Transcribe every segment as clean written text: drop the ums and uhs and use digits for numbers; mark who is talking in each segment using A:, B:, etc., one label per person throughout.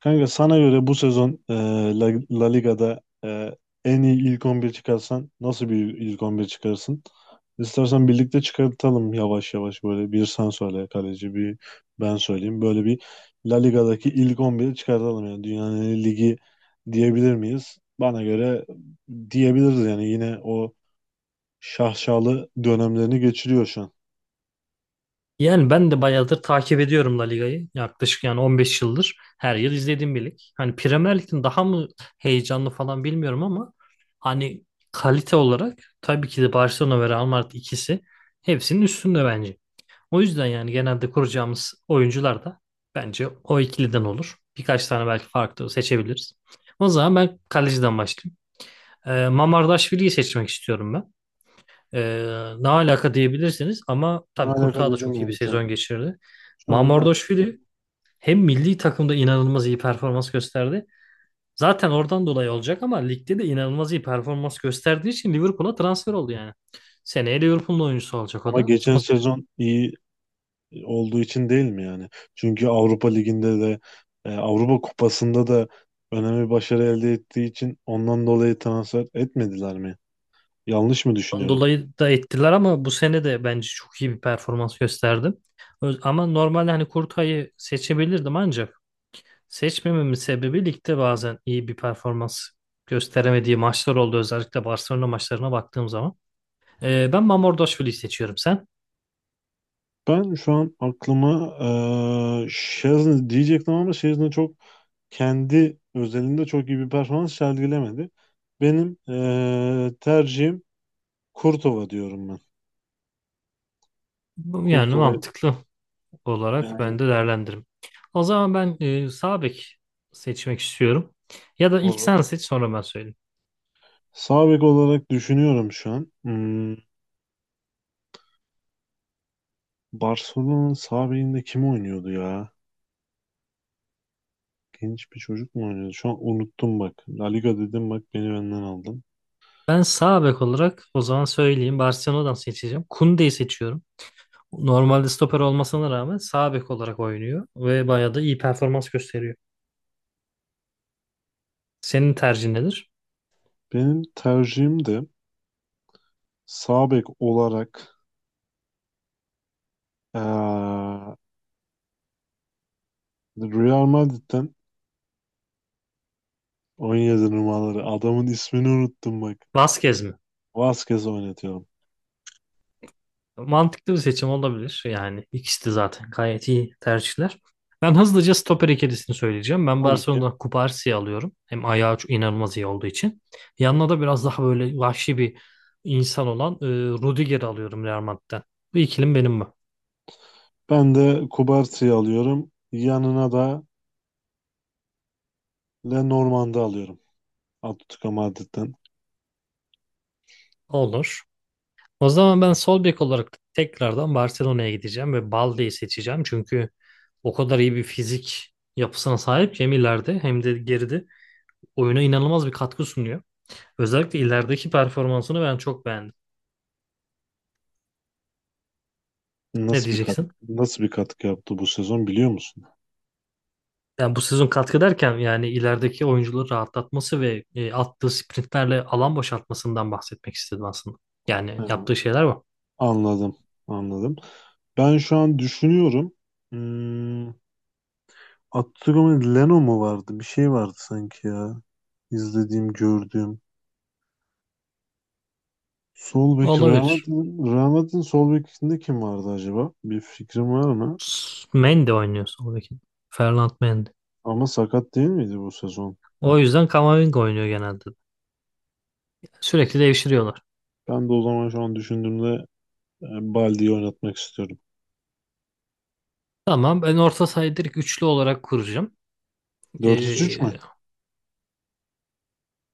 A: Kanka sana göre bu sezon La Liga'da en iyi ilk 11 çıkarsan nasıl bir ilk 11 çıkarırsın? İstersen birlikte çıkartalım yavaş yavaş, böyle bir sen söyle kaleci, bir ben söyleyeyim. Böyle bir La Liga'daki ilk 11'i çıkartalım. Yani dünyanın en iyi ligi diyebilir miyiz? Bana göre diyebiliriz yani, yine o şaşalı dönemlerini geçiriyor şu an.
B: Yani ben de bayağıdır takip ediyorum La Liga'yı. Yaklaşık yani 15 yıldır her yıl izlediğim bir lig. Hani Premier Lig'in daha mı heyecanlı falan bilmiyorum ama hani kalite olarak tabii ki de Barcelona ve Real Madrid ikisi hepsinin üstünde bence. O yüzden yani genelde kuracağımız oyuncular da bence o ikiliden olur. Birkaç tane belki farklı seçebiliriz. O zaman ben kaleciden başlayayım. Mamardaşvili'yi seçmek istiyorum ben. Ne alaka diyebilirsiniz ama
A: Ne
B: tabii
A: alaka
B: Kurtağı da
A: dedim
B: çok iyi bir
A: yani şu an.
B: sezon geçirdi.
A: Şu an ne alaka?
B: Mamardashvili hem milli takımda inanılmaz iyi performans gösterdi. Zaten oradan dolayı olacak ama ligde de inanılmaz iyi performans gösterdiği için Liverpool'a transfer oldu yani. Seneye Liverpool'un oyuncusu olacak o
A: Ama
B: da.
A: geçen
B: Son
A: sezon iyi olduğu için değil mi yani? Çünkü Avrupa Ligi'nde de Avrupa Kupası'nda da önemli başarı elde ettiği için ondan dolayı transfer etmediler mi? Yanlış mı
B: seneden
A: düşünüyorum?
B: dolayı da ettiler ama bu sene de bence çok iyi bir performans gösterdi. Ama normalde hani Kurtay'ı seçebilirdim, ancak seçmememin sebebi ligde bazen iyi bir performans gösteremediği maçlar oldu. Özellikle Barcelona maçlarına baktığım zaman. Ben Mamardashvili'yi seçiyorum sen.
A: Ben şu an aklıma Szczesny diyecektim, ama Szczesny çok kendi özelinde çok iyi bir performans sergilemedi. Benim tercihim Kurtova, diyorum ben.
B: Yani
A: Kurtova
B: mantıklı olarak
A: yani,
B: ben de değerlendiririm. O zaman ben sağ bek seçmek istiyorum. Ya da ilk
A: olur.
B: sen seç sonra ben söyleyeyim.
A: Sağ bek olarak düşünüyorum şu an. Barcelona'nın sağ bekinde kim oynuyordu ya? Genç bir çocuk mu oynuyordu? Şu an unuttum bak. La Liga dedim, bak beni benden aldın.
B: Ben sağ bek olarak o zaman söyleyeyim. Barcelona'dan seçeceğim. Koundé'yi seçiyorum. Normalde stoper olmasına rağmen sağ bek olarak oynuyor ve bayağı da iyi performans gösteriyor. Senin tercihin nedir?
A: Benim tercihim de sağ bek olarak eee, Real Madrid'den 17 numaraları adamın ismini unuttum bak.
B: Vasquez mi?
A: Vasquez oynatıyorum.
B: Mantıklı bir seçim olabilir. Yani ikisi de zaten gayet iyi tercihler. Ben hızlıca stoper ikilisini söyleyeceğim. Ben
A: Tabii ki.
B: Barcelona'dan Cubarsi'yi alıyorum. Hem ayağı çok inanılmaz iyi olduğu için. Yanına da biraz daha böyle vahşi bir insan olan Rudiger'i alıyorum Real Madrid'den. Bu ikilim benim mi?
A: Ben de Kubarti'yi alıyorum. Yanına da Lenormand'ı alıyorum. Atletico Madrid'den.
B: Olur. O zaman ben sol bek olarak tekrardan Barcelona'ya gideceğim ve Balde'yi seçeceğim. Çünkü o kadar iyi bir fizik yapısına sahip ki hem ileride hem de geride oyuna inanılmaz bir katkı sunuyor. Özellikle ilerideki performansını ben çok beğendim. Ne
A: Nasıl bir katkı,
B: diyeceksin?
A: nasıl bir katkı yaptı bu sezon, biliyor musun?
B: Yani bu sezon katkı derken yani ilerideki oyuncuları rahatlatması ve attığı sprintlerle alan boşaltmasından bahsetmek istedim aslında. Yani
A: Ha,
B: yaptığı şeyler bu.
A: anladım. Anladım. Ben şu an düşünüyorum. Hmm, Abdülhamid Leno mu vardı? Bir şey vardı sanki ya. İzlediğim, gördüğüm. Sol bek Real
B: Olabilir.
A: Madrid'in sol bekinde kim vardı acaba? Bir fikrim var mı?
B: Mendy oynuyor sol bek. Ferland Mendy.
A: Ama sakat değil miydi bu sezon?
B: O yüzden Camavinga oynuyor genelde. Sürekli devşiriyorlar.
A: Ben de o zaman şu an düşündüğümde e, Baldi'yi oynatmak istiyorum.
B: Tamam, ben orta sahayı direkt üçlü olarak kuracağım.
A: 4-3-3 mü?
B: Ee,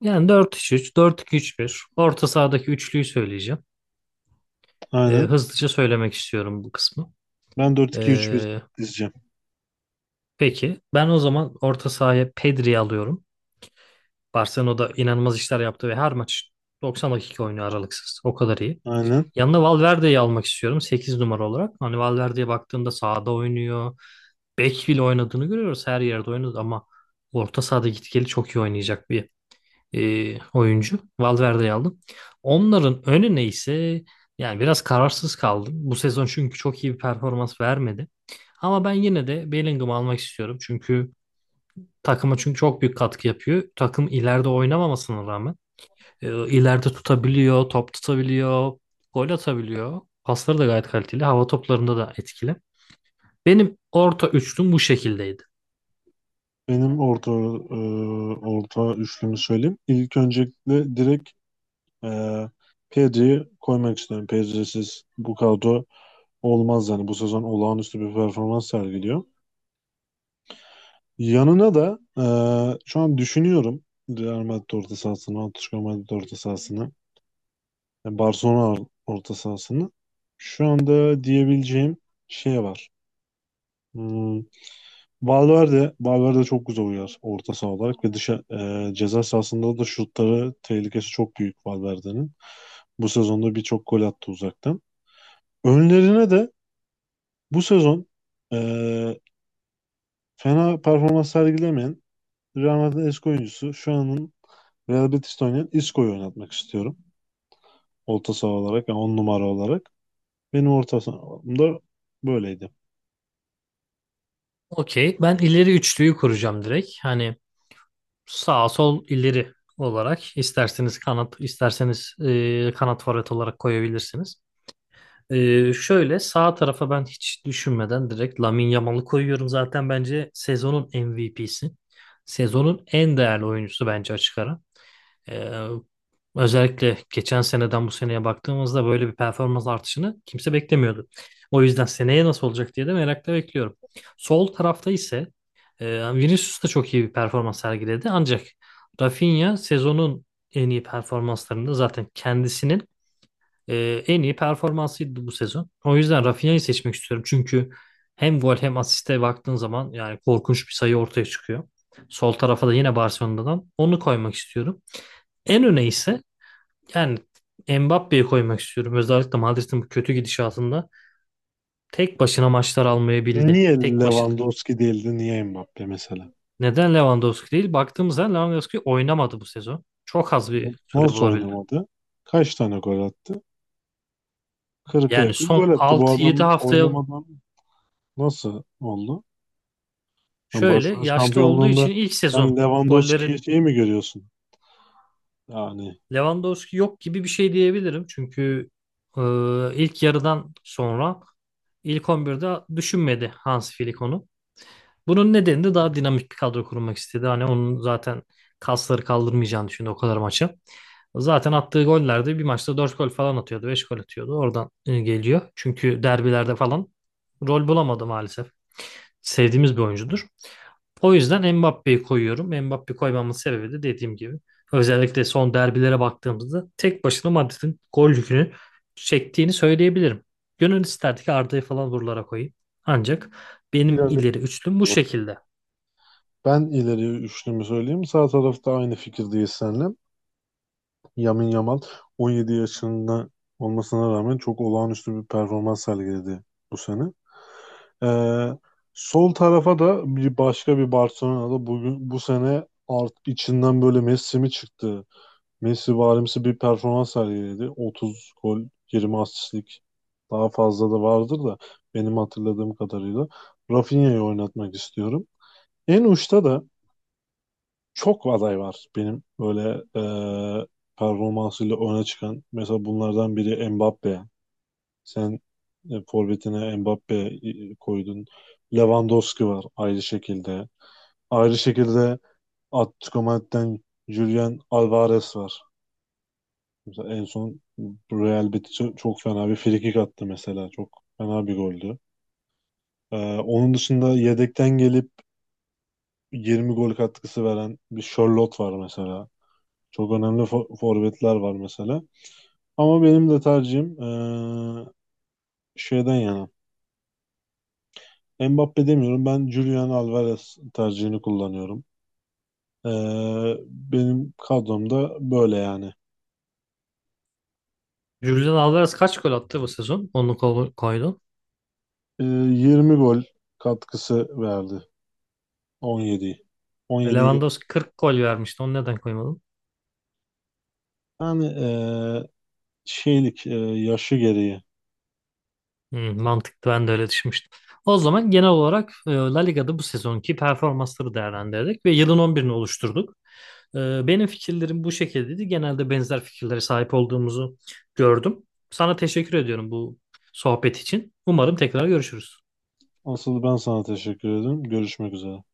B: Yani dört üç üç dört 4-2-3-1. Orta sahadaki üçlüyü söyleyeceğim.
A: Aynen.
B: Hızlıca söylemek istiyorum bu kısmı.
A: Ben 4-2-3-1
B: Ee,
A: dizeceğim.
B: peki ben o zaman orta sahaya Pedri'yi alıyorum. Barcelona'da inanılmaz işler yaptı ve her maç 90 dakika oynuyor aralıksız. O kadar iyi.
A: Aynen.
B: Yanına Valverde'yi almak istiyorum 8 numara olarak. Hani Valverde'ye baktığında sahada oynuyor. Bek bile oynadığını görüyoruz. Her yerde oynadı ama orta sahada gitgeli çok iyi oynayacak bir oyuncu. Valverde'yi aldım. Onların önüne ise yani biraz kararsız kaldım. Bu sezon çünkü çok iyi bir performans vermedi. Ama ben yine de Bellingham'ı almak istiyorum. Çünkü takıma çünkü çok büyük katkı yapıyor. Takım ileride oynamamasına rağmen ileride tutabiliyor, top tutabiliyor, gol atabiliyor. Pasları da gayet kaliteli. Hava toplarında da etkili. Benim orta üçlüm bu şekildeydi.
A: Benim orta orta üçlümü söyleyeyim. İlk öncelikle direkt Ee, Pedri'yi koymak istiyorum. Pedri'siz bu kadro olmaz yani. Bu sezon olağanüstü bir performans sergiliyor. Yanına da şu an düşünüyorum Real Madrid orta sahasını, Atletico Madrid orta sahasını, yani Barcelona orta sahasını. Şu anda diyebileceğim şey var. Hmm, Valverde çok güzel uyar orta saha olarak ve dışa ceza sahasında da şutları tehlikesi çok büyük Valverde'nin. Bu sezonda birçok gol attı uzaktan. Önlerine de bu sezon eee, fena performans sergilemeyen Real Madrid'in eski oyuncusu, şu anın Real Betis'te oynayan Isco'yu oynatmak istiyorum. Orta saha olarak, yani 10 numara olarak. Benim orta sahamda böyleydi.
B: Okey. Ben ileri üçlüyü kuracağım direkt. Hani sağ sol ileri olarak isterseniz kanat, isterseniz kanat forvet olarak koyabilirsiniz. Şöyle sağ tarafa ben hiç düşünmeden direkt Lamine Yamal'ı koyuyorum. Zaten bence sezonun MVP'si. Sezonun en değerli oyuncusu bence açık ara. Ee, Özellikle geçen seneden bu seneye baktığımızda böyle bir performans artışını kimse beklemiyordu. O yüzden seneye nasıl olacak diye de merakla bekliyorum. Sol tarafta ise Vinicius da çok iyi bir performans sergiledi. Ancak Rafinha sezonun en iyi performanslarında zaten kendisinin en iyi performansıydı bu sezon. O yüzden Rafinha'yı seçmek istiyorum. Çünkü hem gol hem asiste baktığın zaman yani korkunç bir sayı ortaya çıkıyor. Sol tarafa da yine Barcelona'dan onu koymak istiyorum. En öne ise yani Mbappe'yi koymak istiyorum. Özellikle Madrid'in bu kötü gidişatında tek başına maçlar almayabildi.
A: Niye
B: Tek başına.
A: Lewandowski değildi? Niye Mbappe mesela?
B: Neden Lewandowski değil? Baktığımızda Lewandowski oynamadı bu sezon. Çok az bir süre
A: Nasıl
B: bulabildi.
A: oynamadı? Kaç tane gol attı? 40'a
B: Yani
A: yakın gol
B: son
A: attı. Bu
B: 6 yedi
A: adam
B: haftaya
A: oynamadan nasıl oldu? Yani
B: şöyle
A: Barcelona
B: yaşlı olduğu
A: şampiyonluğunda
B: için ilk
A: sen
B: sezon gollerin
A: Lewandowski'yi şey mi görüyorsun? Yani
B: Lewandowski yok gibi bir şey diyebilirim. Çünkü e, ilk yarıdan sonra ilk 11'de düşünmedi Hans Flick onu. Bunun nedeni de daha dinamik bir kadro kurmak istedi. Hani onun zaten kasları kaldırmayacağını düşündü o kadar maçı. Zaten attığı gollerde bir maçta 4 gol falan atıyordu, 5 gol atıyordu. Oradan geliyor. Çünkü derbilerde falan rol bulamadı maalesef. Sevdiğimiz bir oyuncudur. O yüzden Mbappe'yi koyuyorum. Mbappe koymamın sebebi de dediğim gibi özellikle son derbilere baktığımızda tek başına Madrid'in gol yükünü çektiğini söyleyebilirim. Gönül isterdi ki Arda'yı falan buralara koyayım. Ancak benim
A: ilerle.
B: ileri üçlüm bu şekilde.
A: Ben ileri üçlümü söyleyeyim. Sağ tarafta aynı fikirdeyiz seninle. Yamin Yamal 17 yaşında olmasına rağmen çok olağanüstü bir performans sergiledi bu sene. Ee, sol tarafa da bir başka bir Barcelona'da bugün bu sene art içinden böyle Messi mi çıktı? Messi varimsi bir performans sergiledi. 30 gol, 20 asistlik, daha fazla da vardır da, benim hatırladığım kadarıyla Rafinha'yı oynatmak istiyorum. En uçta da çok aday var benim, böyle e, performansıyla öne çıkan. Mesela bunlardan biri Mbappe. Sen forvetine Mbappe koydun. Lewandowski var ayrı şekilde. Ayrı şekilde Atletico Madrid'den Julian Alvarez var. Mesela en son Real Betis'e çok fena bir frikik attı mesela. Çok fena bir goldü. E, onun dışında yedekten gelip 20 gol katkısı veren bir Charlotte var mesela. Çok önemli forvetler var mesela. Ama benim de tercihim şeyden yana. Mbappe demiyorum. Ben Julian Alvarez tercihini kullanıyorum. Benim kadromda böyle yani.
B: Julian Alvarez kaç gol attı bu sezon? Onu koydun.
A: 20 gol katkısı verdi. 17. 17.
B: Lewandowski 40 gol vermişti. Onu neden koymadın?
A: Yani şeylik yaşı gereği.
B: Hmm, mantıklı, ben de öyle düşünmüştüm. O zaman genel olarak La Liga'da bu sezonki performansları değerlendirdik ve yılın 11'ini oluşturduk. Benim fikirlerim bu şekildeydi. Genelde benzer fikirlere sahip olduğumuzu gördüm. Sana teşekkür ediyorum bu sohbet için. Umarım tekrar görüşürüz.
A: Asıl ben sana teşekkür ederim. Görüşmek üzere.